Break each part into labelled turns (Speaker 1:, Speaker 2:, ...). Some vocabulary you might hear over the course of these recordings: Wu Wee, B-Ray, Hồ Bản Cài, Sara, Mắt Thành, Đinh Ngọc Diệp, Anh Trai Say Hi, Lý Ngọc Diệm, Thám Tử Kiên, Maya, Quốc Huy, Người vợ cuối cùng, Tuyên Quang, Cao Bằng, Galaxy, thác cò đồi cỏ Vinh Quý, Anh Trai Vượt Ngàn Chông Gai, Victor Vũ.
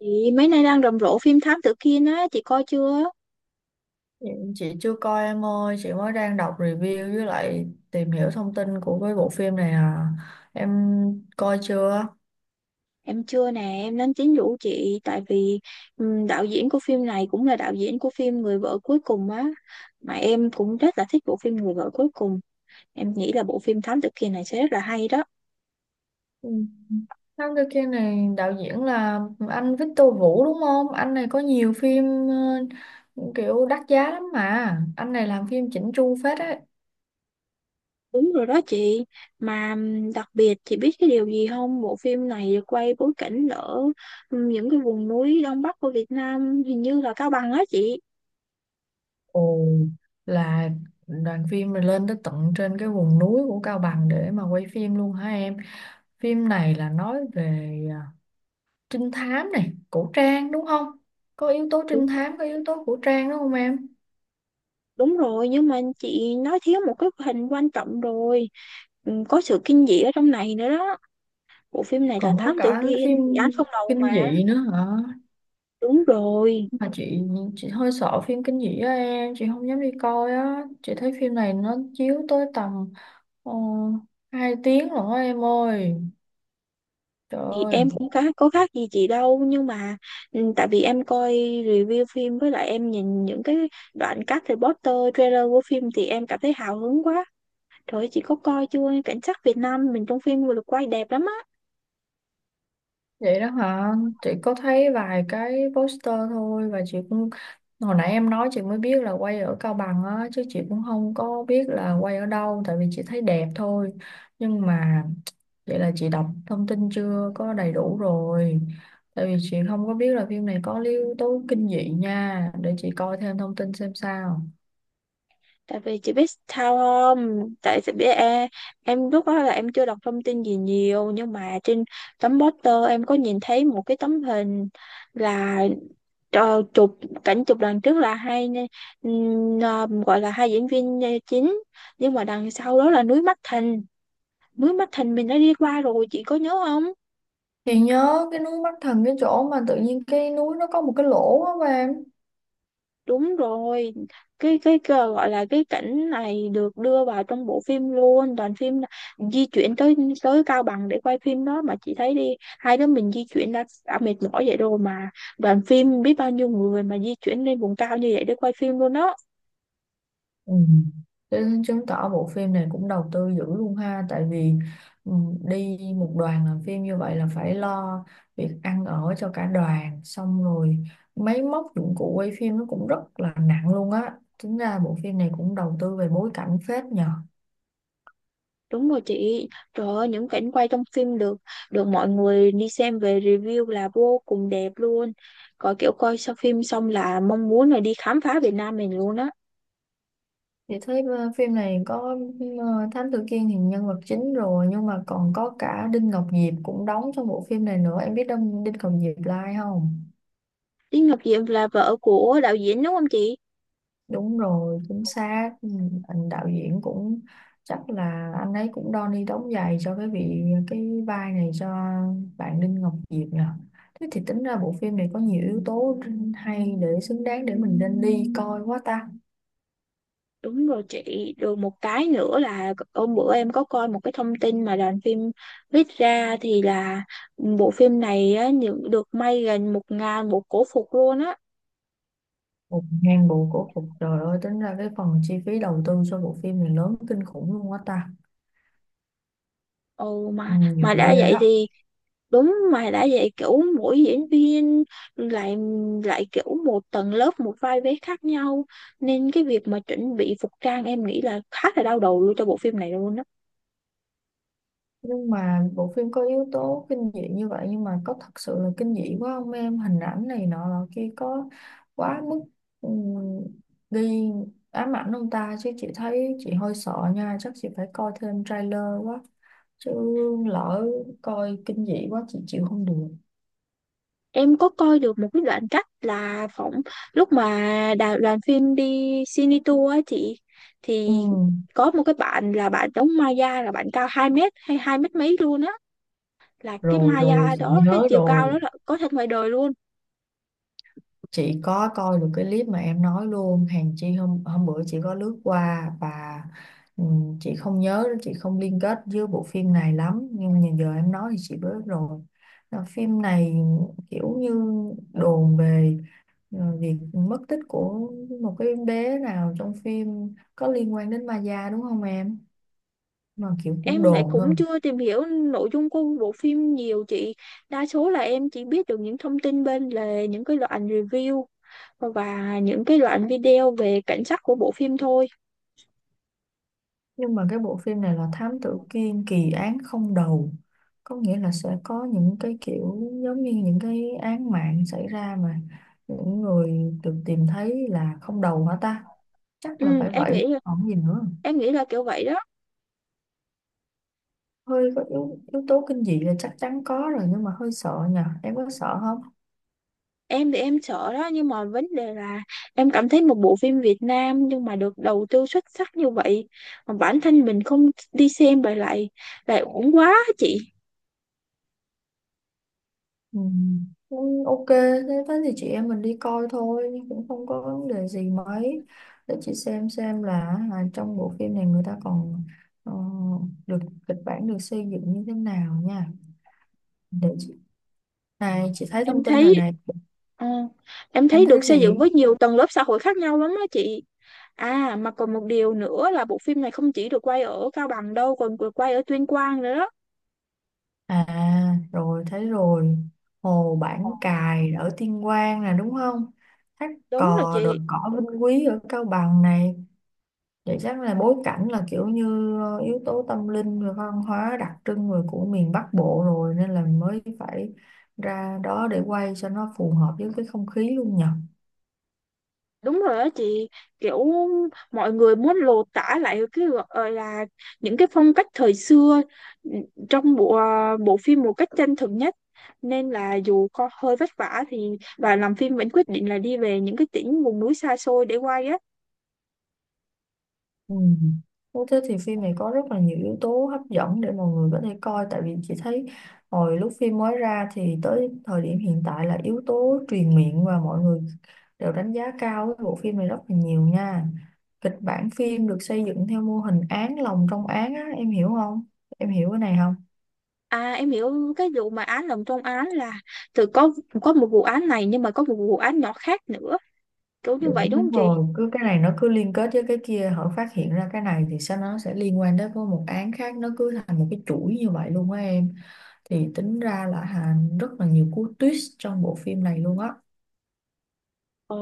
Speaker 1: Chị mấy nay đang rầm rộ phim Thám Tử Kiên á, chị coi chưa?
Speaker 2: Dạ, chị chưa coi em ơi, chị mới đang đọc review với lại tìm hiểu thông tin của cái bộ phim này à. Em coi chưa?
Speaker 1: Em chưa nè, em đang tính rủ chị tại vì đạo diễn của phim này cũng là đạo diễn của phim Người vợ cuối cùng á. Mà em cũng rất là thích bộ phim Người vợ cuối cùng. Em nghĩ là bộ phim Thám Tử Kiên này sẽ rất là hay đó.
Speaker 2: Ừ. Thám Tử Kiên này đạo diễn là anh Victor Vũ đúng không? Anh này có nhiều phim ờ, kiểu đắt giá lắm mà. Anh này làm phim chỉnh chu phết ấy.
Speaker 1: Đúng rồi đó chị. Mà đặc biệt chị biết cái điều gì không? Bộ phim này được quay bối cảnh ở những cái vùng núi Đông Bắc của Việt Nam, hình như là Cao Bằng á chị.
Speaker 2: Ồ, là đoàn phim này lên tới tận trên cái vùng núi của Cao Bằng để mà quay phim luôn hả em? Phim này là nói về trinh thám này cổ trang, đúng không, có yếu tố
Speaker 1: Đúng
Speaker 2: trinh thám, có yếu tố cổ trang đúng không em?
Speaker 1: Đúng rồi, nhưng mà chị nói thiếu một cái hình quan trọng rồi. Ừ, có sự kinh dị ở trong này nữa đó. Bộ phim này là
Speaker 2: Còn có
Speaker 1: Thám Tử
Speaker 2: cả
Speaker 1: Kiên,
Speaker 2: phim
Speaker 1: dự án không đầu
Speaker 2: kinh
Speaker 1: mà.
Speaker 2: dị nữa hả?
Speaker 1: Đúng rồi.
Speaker 2: Mà chị hơi sợ phim kinh dị á em, chị không dám đi coi á. Chị thấy phim này nó chiếu tới tầm uh, 2 tiếng rồi á em ơi, trời
Speaker 1: Thì
Speaker 2: ơi.
Speaker 1: em cũng khá, có khác gì chị đâu nhưng mà ừ, tại vì em coi review phim với lại em nhìn những cái đoạn cắt từ poster trailer của phim thì em cảm thấy hào hứng quá. Trời ơi, chị có coi chưa? Cảnh sát Việt Nam mình trong phim vừa được quay đẹp lắm á.
Speaker 2: Vậy đó hả? Chị có thấy vài cái poster thôi và chị cũng, hồi nãy em nói chị mới biết là quay ở Cao Bằng á, chứ chị cũng không có biết là quay ở đâu, tại vì chị thấy đẹp thôi. Nhưng mà vậy là chị đọc thông tin chưa có đầy đủ rồi. Tại vì chị không có biết là phim này có yếu tố kinh dị nha, để chị coi thêm thông tin xem sao.
Speaker 1: Tại vì chị biết sao không, tại chị biết em lúc đó là em chưa đọc thông tin gì nhiều nhưng mà trên tấm poster em có nhìn thấy một cái tấm hình là chụp cảnh chụp đằng trước là hai gọi là hai diễn viên chính nhưng mà đằng sau đó là núi Mắt Thành, núi Mắt Thành mình đã đi qua rồi chị có nhớ không?
Speaker 2: Chị nhớ cái núi Mắt Thần, cái chỗ mà tự nhiên cái núi nó có một cái lỗ á em.
Speaker 1: Đúng rồi, cái gọi là cái cảnh này được đưa vào trong bộ phim luôn, đoàn phim là di chuyển tới tới Cao Bằng để quay phim đó. Mà chị thấy đi, hai đứa mình di chuyển đã mệt mỏi vậy rồi mà đoàn phim biết bao nhiêu người mà di chuyển lên vùng cao như vậy để quay phim luôn đó.
Speaker 2: Ừ. Thế chứng tỏ bộ phim này cũng đầu tư dữ luôn ha, tại vì ừ, đi một đoàn làm phim như vậy là phải lo việc ăn ở cho cả đoàn, xong rồi máy móc dụng cụ quay phim nó cũng rất là nặng luôn á. Tính ra bộ phim này cũng đầu tư về bối cảnh phết nhờ.
Speaker 1: Đúng rồi chị, trời ơi, những cảnh quay trong phim được được mọi người đi xem về review là vô cùng đẹp luôn. Có kiểu coi sau phim xong là mong muốn là đi khám phá Việt Nam mình luôn á.
Speaker 2: Vậy thấy phim này có, ờ, Thám Tử Kiên thì nhân vật chính rồi, nhưng mà còn có cả Đinh Ngọc Diệp cũng đóng trong bộ phim này nữa. Em biết Đinh Đinh Ngọc Diệp là ai không?
Speaker 1: Lý Ngọc Diệm là vợ của đạo diễn đúng không chị?
Speaker 2: Đúng rồi, chính xác. Ừ, anh đạo diễn cũng chắc là anh ấy cũng đo ni đóng giày cho cái vị cái vai này cho bạn Đinh Ngọc Diệp nhờ. Thế thì tính ra bộ phim này có nhiều yếu tố hay, để xứng đáng để mình nên đi coi quá ta.
Speaker 1: Đúng rồi chị, được một cái nữa là hôm bữa em có coi một cái thông tin mà đoàn phim viết ra thì là bộ phim này á, được may gần 1.000 bộ cổ phục luôn á.
Speaker 2: Một ngàn bộ cổ phục, trời ơi, tính ra cái phần chi phí đầu tư cho bộ phim này lớn kinh khủng luôn quá ta.
Speaker 1: Ồ,
Speaker 2: Ừ,
Speaker 1: mà
Speaker 2: nhiều
Speaker 1: mà đã
Speaker 2: ghê
Speaker 1: vậy
Speaker 2: á.
Speaker 1: thì đúng, mà đã vậy kiểu mỗi diễn viên lại lại kiểu một tầng lớp một vai vế khác nhau, nên cái việc mà chuẩn bị phục trang em nghĩ là khá là đau đầu luôn cho bộ phim này luôn á.
Speaker 2: Nhưng mà bộ phim có yếu tố kinh dị như vậy, nhưng mà có thật sự là kinh dị quá không em? Hình ảnh này nọ là kia có quá mức, ừm, đi ám ảnh ông ta chứ? Chị thấy chị hơi sợ nha, chắc chị phải coi thêm trailer quá, chứ lỡ coi kinh dị quá chị chịu không được.
Speaker 1: Em có coi được một cái đoạn cắt là phỏng lúc mà đoàn phim đi cine tour á chị,
Speaker 2: Ừ,
Speaker 1: thì có một cái bạn là bạn đóng Maya là bạn cao 2 mét hay 2 mét mấy luôn á, là cái
Speaker 2: rồi rồi
Speaker 1: Maya
Speaker 2: chị
Speaker 1: đó cái
Speaker 2: nhớ
Speaker 1: chiều cao
Speaker 2: rồi.
Speaker 1: đó là có thật ngoài đời luôn.
Speaker 2: Chị có coi được cái clip mà em nói luôn hàng chi, hôm hôm bữa chị có lướt qua và, chị không nhớ, chị không liên kết với bộ phim này lắm, nhưng mà giờ em nói thì chị biết rồi. Là phim này kiểu như đồn về việc mất tích của một cái bé nào trong phim có liên quan đến ma da, đúng không em? Mà kiểu cũng
Speaker 1: Em lại
Speaker 2: đồn thôi.
Speaker 1: cũng chưa tìm hiểu nội dung của bộ phim nhiều chị, đa số là em chỉ biết được những thông tin bên lề, những cái đoạn review và những cái đoạn video về cảnh sắc của bộ phim thôi.
Speaker 2: Nhưng mà cái bộ phim này là Thám Tử Kiên kỳ án không đầu, có nghĩa là sẽ có những cái kiểu giống như những cái án mạng xảy ra, mà những người được tìm thấy là không đầu hả ta? Chắc là
Speaker 1: Ừ,
Speaker 2: phải
Speaker 1: em
Speaker 2: vậy
Speaker 1: nghĩ
Speaker 2: còn gì nữa.
Speaker 1: em nghĩ là kiểu vậy đó.
Speaker 2: Hơi có yếu tố kinh dị là chắc chắn có rồi, nhưng mà hơi sợ nhờ, em có sợ không?
Speaker 1: Em thì em sợ đó, nhưng mà vấn đề là em cảm thấy một bộ phim Việt Nam nhưng mà được đầu tư xuất sắc như vậy mà bản thân mình không đi xem vậy lại lại uổng quá á chị.
Speaker 2: Ừ. Cũng ok, thế thế thì chị em mình đi coi thôi, nhưng cũng không có vấn đề gì mấy. Để chị xem là, à, trong bộ phim này người ta còn, ờ, được kịch bản được xây dựng như thế nào nha. Để chị, này chị thấy
Speaker 1: Em
Speaker 2: thông tin rồi
Speaker 1: thấy
Speaker 2: này.
Speaker 1: ờ, em
Speaker 2: Em
Speaker 1: thấy
Speaker 2: thấy
Speaker 1: được xây dựng
Speaker 2: gì?
Speaker 1: với nhiều tầng lớp xã hội khác nhau lắm đó chị. À mà còn một điều nữa là bộ phim này không chỉ được quay ở Cao Bằng đâu, còn được quay ở Tuyên Quang nữa đó.
Speaker 2: À rồi, thấy rồi. Hồ Bản Cài ở Tuyên Quang nè, đúng không? Thác
Speaker 1: Đúng rồi
Speaker 2: cò, đồi
Speaker 1: chị.
Speaker 2: cỏ Vinh Quý ở Cao Bằng này. Vậy chắc là bối cảnh là kiểu như yếu tố tâm linh rồi văn hóa đặc trưng rồi của miền Bắc Bộ rồi, nên là mới phải ra đó để quay cho nó phù hợp với cái không khí luôn nhỉ.
Speaker 1: Đúng rồi đó chị, kiểu mọi người muốn lột tả lại cái gọi là những cái phong cách thời xưa, ừ, trong bộ phim một cách chân thực nhất. Nên là dù có hơi vất vả thì đoàn làm phim vẫn quyết định là đi về những cái tỉnh vùng núi xa xôi để quay á.
Speaker 2: Ừ. Thế thế thì phim này có rất là nhiều yếu tố hấp dẫn để mọi người có thể coi, tại vì chị thấy hồi lúc phim mới ra thì tới thời điểm hiện tại là yếu tố truyền miệng và mọi người đều đánh giá cao cái bộ phim này rất là nhiều nha. Kịch bản phim được xây dựng theo mô hình án lồng trong án á, em hiểu không? Em hiểu cái này không?
Speaker 1: À em hiểu cái vụ mà án lồng trong án là từ có có một vụ án này nhưng mà có một vụ án nhỏ khác nữa, kiểu như
Speaker 2: Đúng,
Speaker 1: vậy đúng
Speaker 2: đúng
Speaker 1: không chị?
Speaker 2: rồi, cứ cái này nó cứ liên kết với cái kia, hở phát hiện ra cái này thì sao nó sẽ liên quan đến với một án khác, nó cứ thành một cái chuỗi như vậy luôn á em. Thì tính ra là Hà, rất là nhiều cú twist trong bộ phim này luôn á.
Speaker 1: Ờ.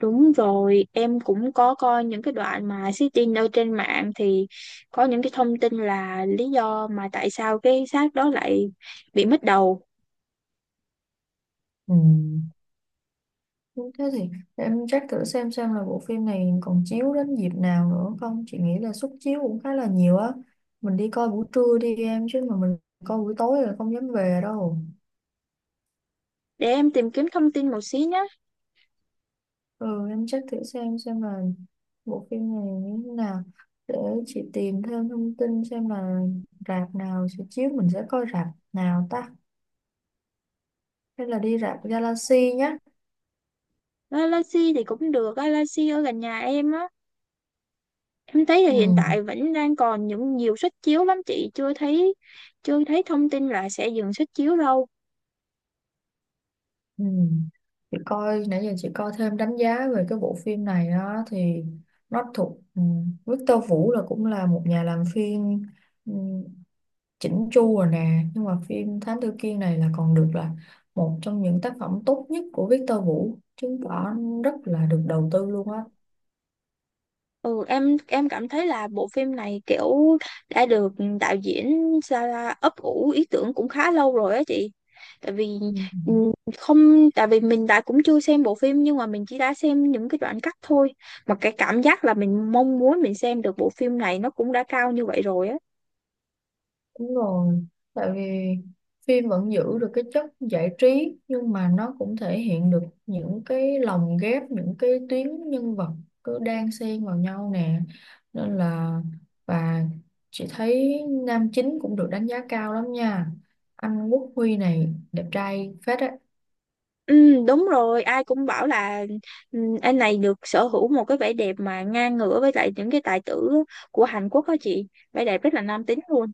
Speaker 1: Đúng rồi, em cũng có coi những cái đoạn mà sitting ở trên mạng thì có những cái thông tin là lý do mà tại sao cái xác đó lại bị mất đầu.
Speaker 2: Ừ. Thế thì để em check thử xem là bộ phim này còn chiếu đến dịp nào nữa không. Chị nghĩ là suất chiếu cũng khá là nhiều á. Mình đi coi buổi trưa đi em, chứ mà mình coi buổi tối là không dám về đâu.
Speaker 1: Để em tìm kiếm thông tin một xí nhé.
Speaker 2: Ừ, em check thử xem là bộ phim này như thế nào, để chị tìm thêm thông tin xem là rạp nào sẽ chiếu, mình sẽ coi rạp nào ta, hay là đi rạp Galaxy nhá.
Speaker 1: Galaxy thì cũng được, Galaxy ở gần nhà em á. Em thấy là hiện
Speaker 2: Ừ.
Speaker 1: tại vẫn đang còn những nhiều suất chiếu lắm chị, chưa thấy thông tin là sẽ dừng suất chiếu đâu.
Speaker 2: Ừ. Chị coi nãy giờ, chị coi thêm đánh giá về cái bộ phim này á, thì nó thuộc, Victor Vũ là cũng là một nhà làm phim, ừ, chỉnh chu rồi nè, nhưng mà phim Thám Tử Kiên này là còn được là một trong những tác phẩm tốt nhất của Victor Vũ, chứng tỏ rất là được đầu tư luôn á.
Speaker 1: Ừ, em cảm thấy là bộ phim này kiểu đã được đạo diễn Sara ấp ủ ý tưởng cũng khá lâu rồi á chị. Tại vì
Speaker 2: Ừ.
Speaker 1: ừ, không tại vì mình đã cũng chưa xem bộ phim nhưng mà mình chỉ đã xem những cái đoạn cắt thôi. Mà cái cảm giác là mình mong muốn mình xem được bộ phim này nó cũng đã cao như vậy rồi á.
Speaker 2: Đúng rồi, tại vì phim vẫn giữ được cái chất giải trí, nhưng mà nó cũng thể hiện được những cái lồng ghép, những cái tuyến nhân vật cứ đan xen vào nhau nè. Nên là, và chị thấy nam chính cũng được đánh giá cao lắm nha. Anh Quốc Huy này đẹp trai phết á.
Speaker 1: Ừ, đúng rồi, ai cũng bảo là ừ, anh này được sở hữu một cái vẻ đẹp mà ngang ngửa với lại những cái tài tử của Hàn Quốc đó chị. Vẻ đẹp rất là nam tính luôn.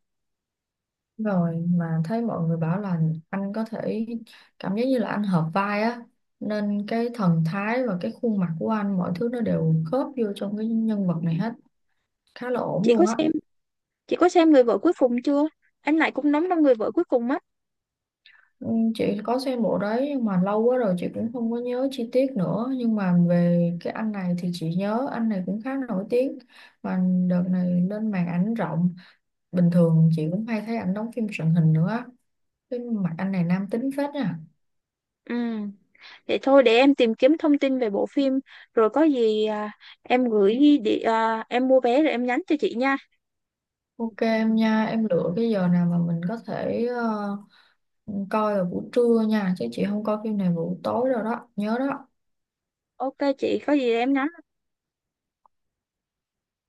Speaker 2: Rồi mà thấy mọi người bảo là anh có thể, cảm giác như là anh hợp vai á. Nên cái thần thái và cái khuôn mặt của anh, mọi thứ nó đều khớp vô trong cái nhân vật này hết, khá là ổn
Speaker 1: Chị
Speaker 2: luôn
Speaker 1: có
Speaker 2: á.
Speaker 1: xem Chị có xem Người vợ cuối cùng chưa? Anh Lại cũng đóng trong Người vợ cuối cùng á.
Speaker 2: Ừ, chị có xem bộ đấy nhưng mà lâu quá rồi chị cũng không có nhớ chi tiết nữa, nhưng mà về cái anh này thì chị nhớ anh này cũng khá nổi tiếng, mà đợt này lên màn ảnh rộng, bình thường chị cũng hay thấy ảnh đóng phim truyền hình nữa á. Cái mặt anh này nam tính phết nha.
Speaker 1: Ừ. Vậy thôi để em tìm kiếm thông tin về bộ phim rồi có gì em gửi em mua vé rồi em nhắn cho chị nha.
Speaker 2: Ok em nha, em lựa cái giờ nào mà mình có thể, coi vào buổi trưa nha, chứ chị không coi phim này vào buổi tối rồi đó, nhớ đó.
Speaker 1: Ok chị, có gì em nhắn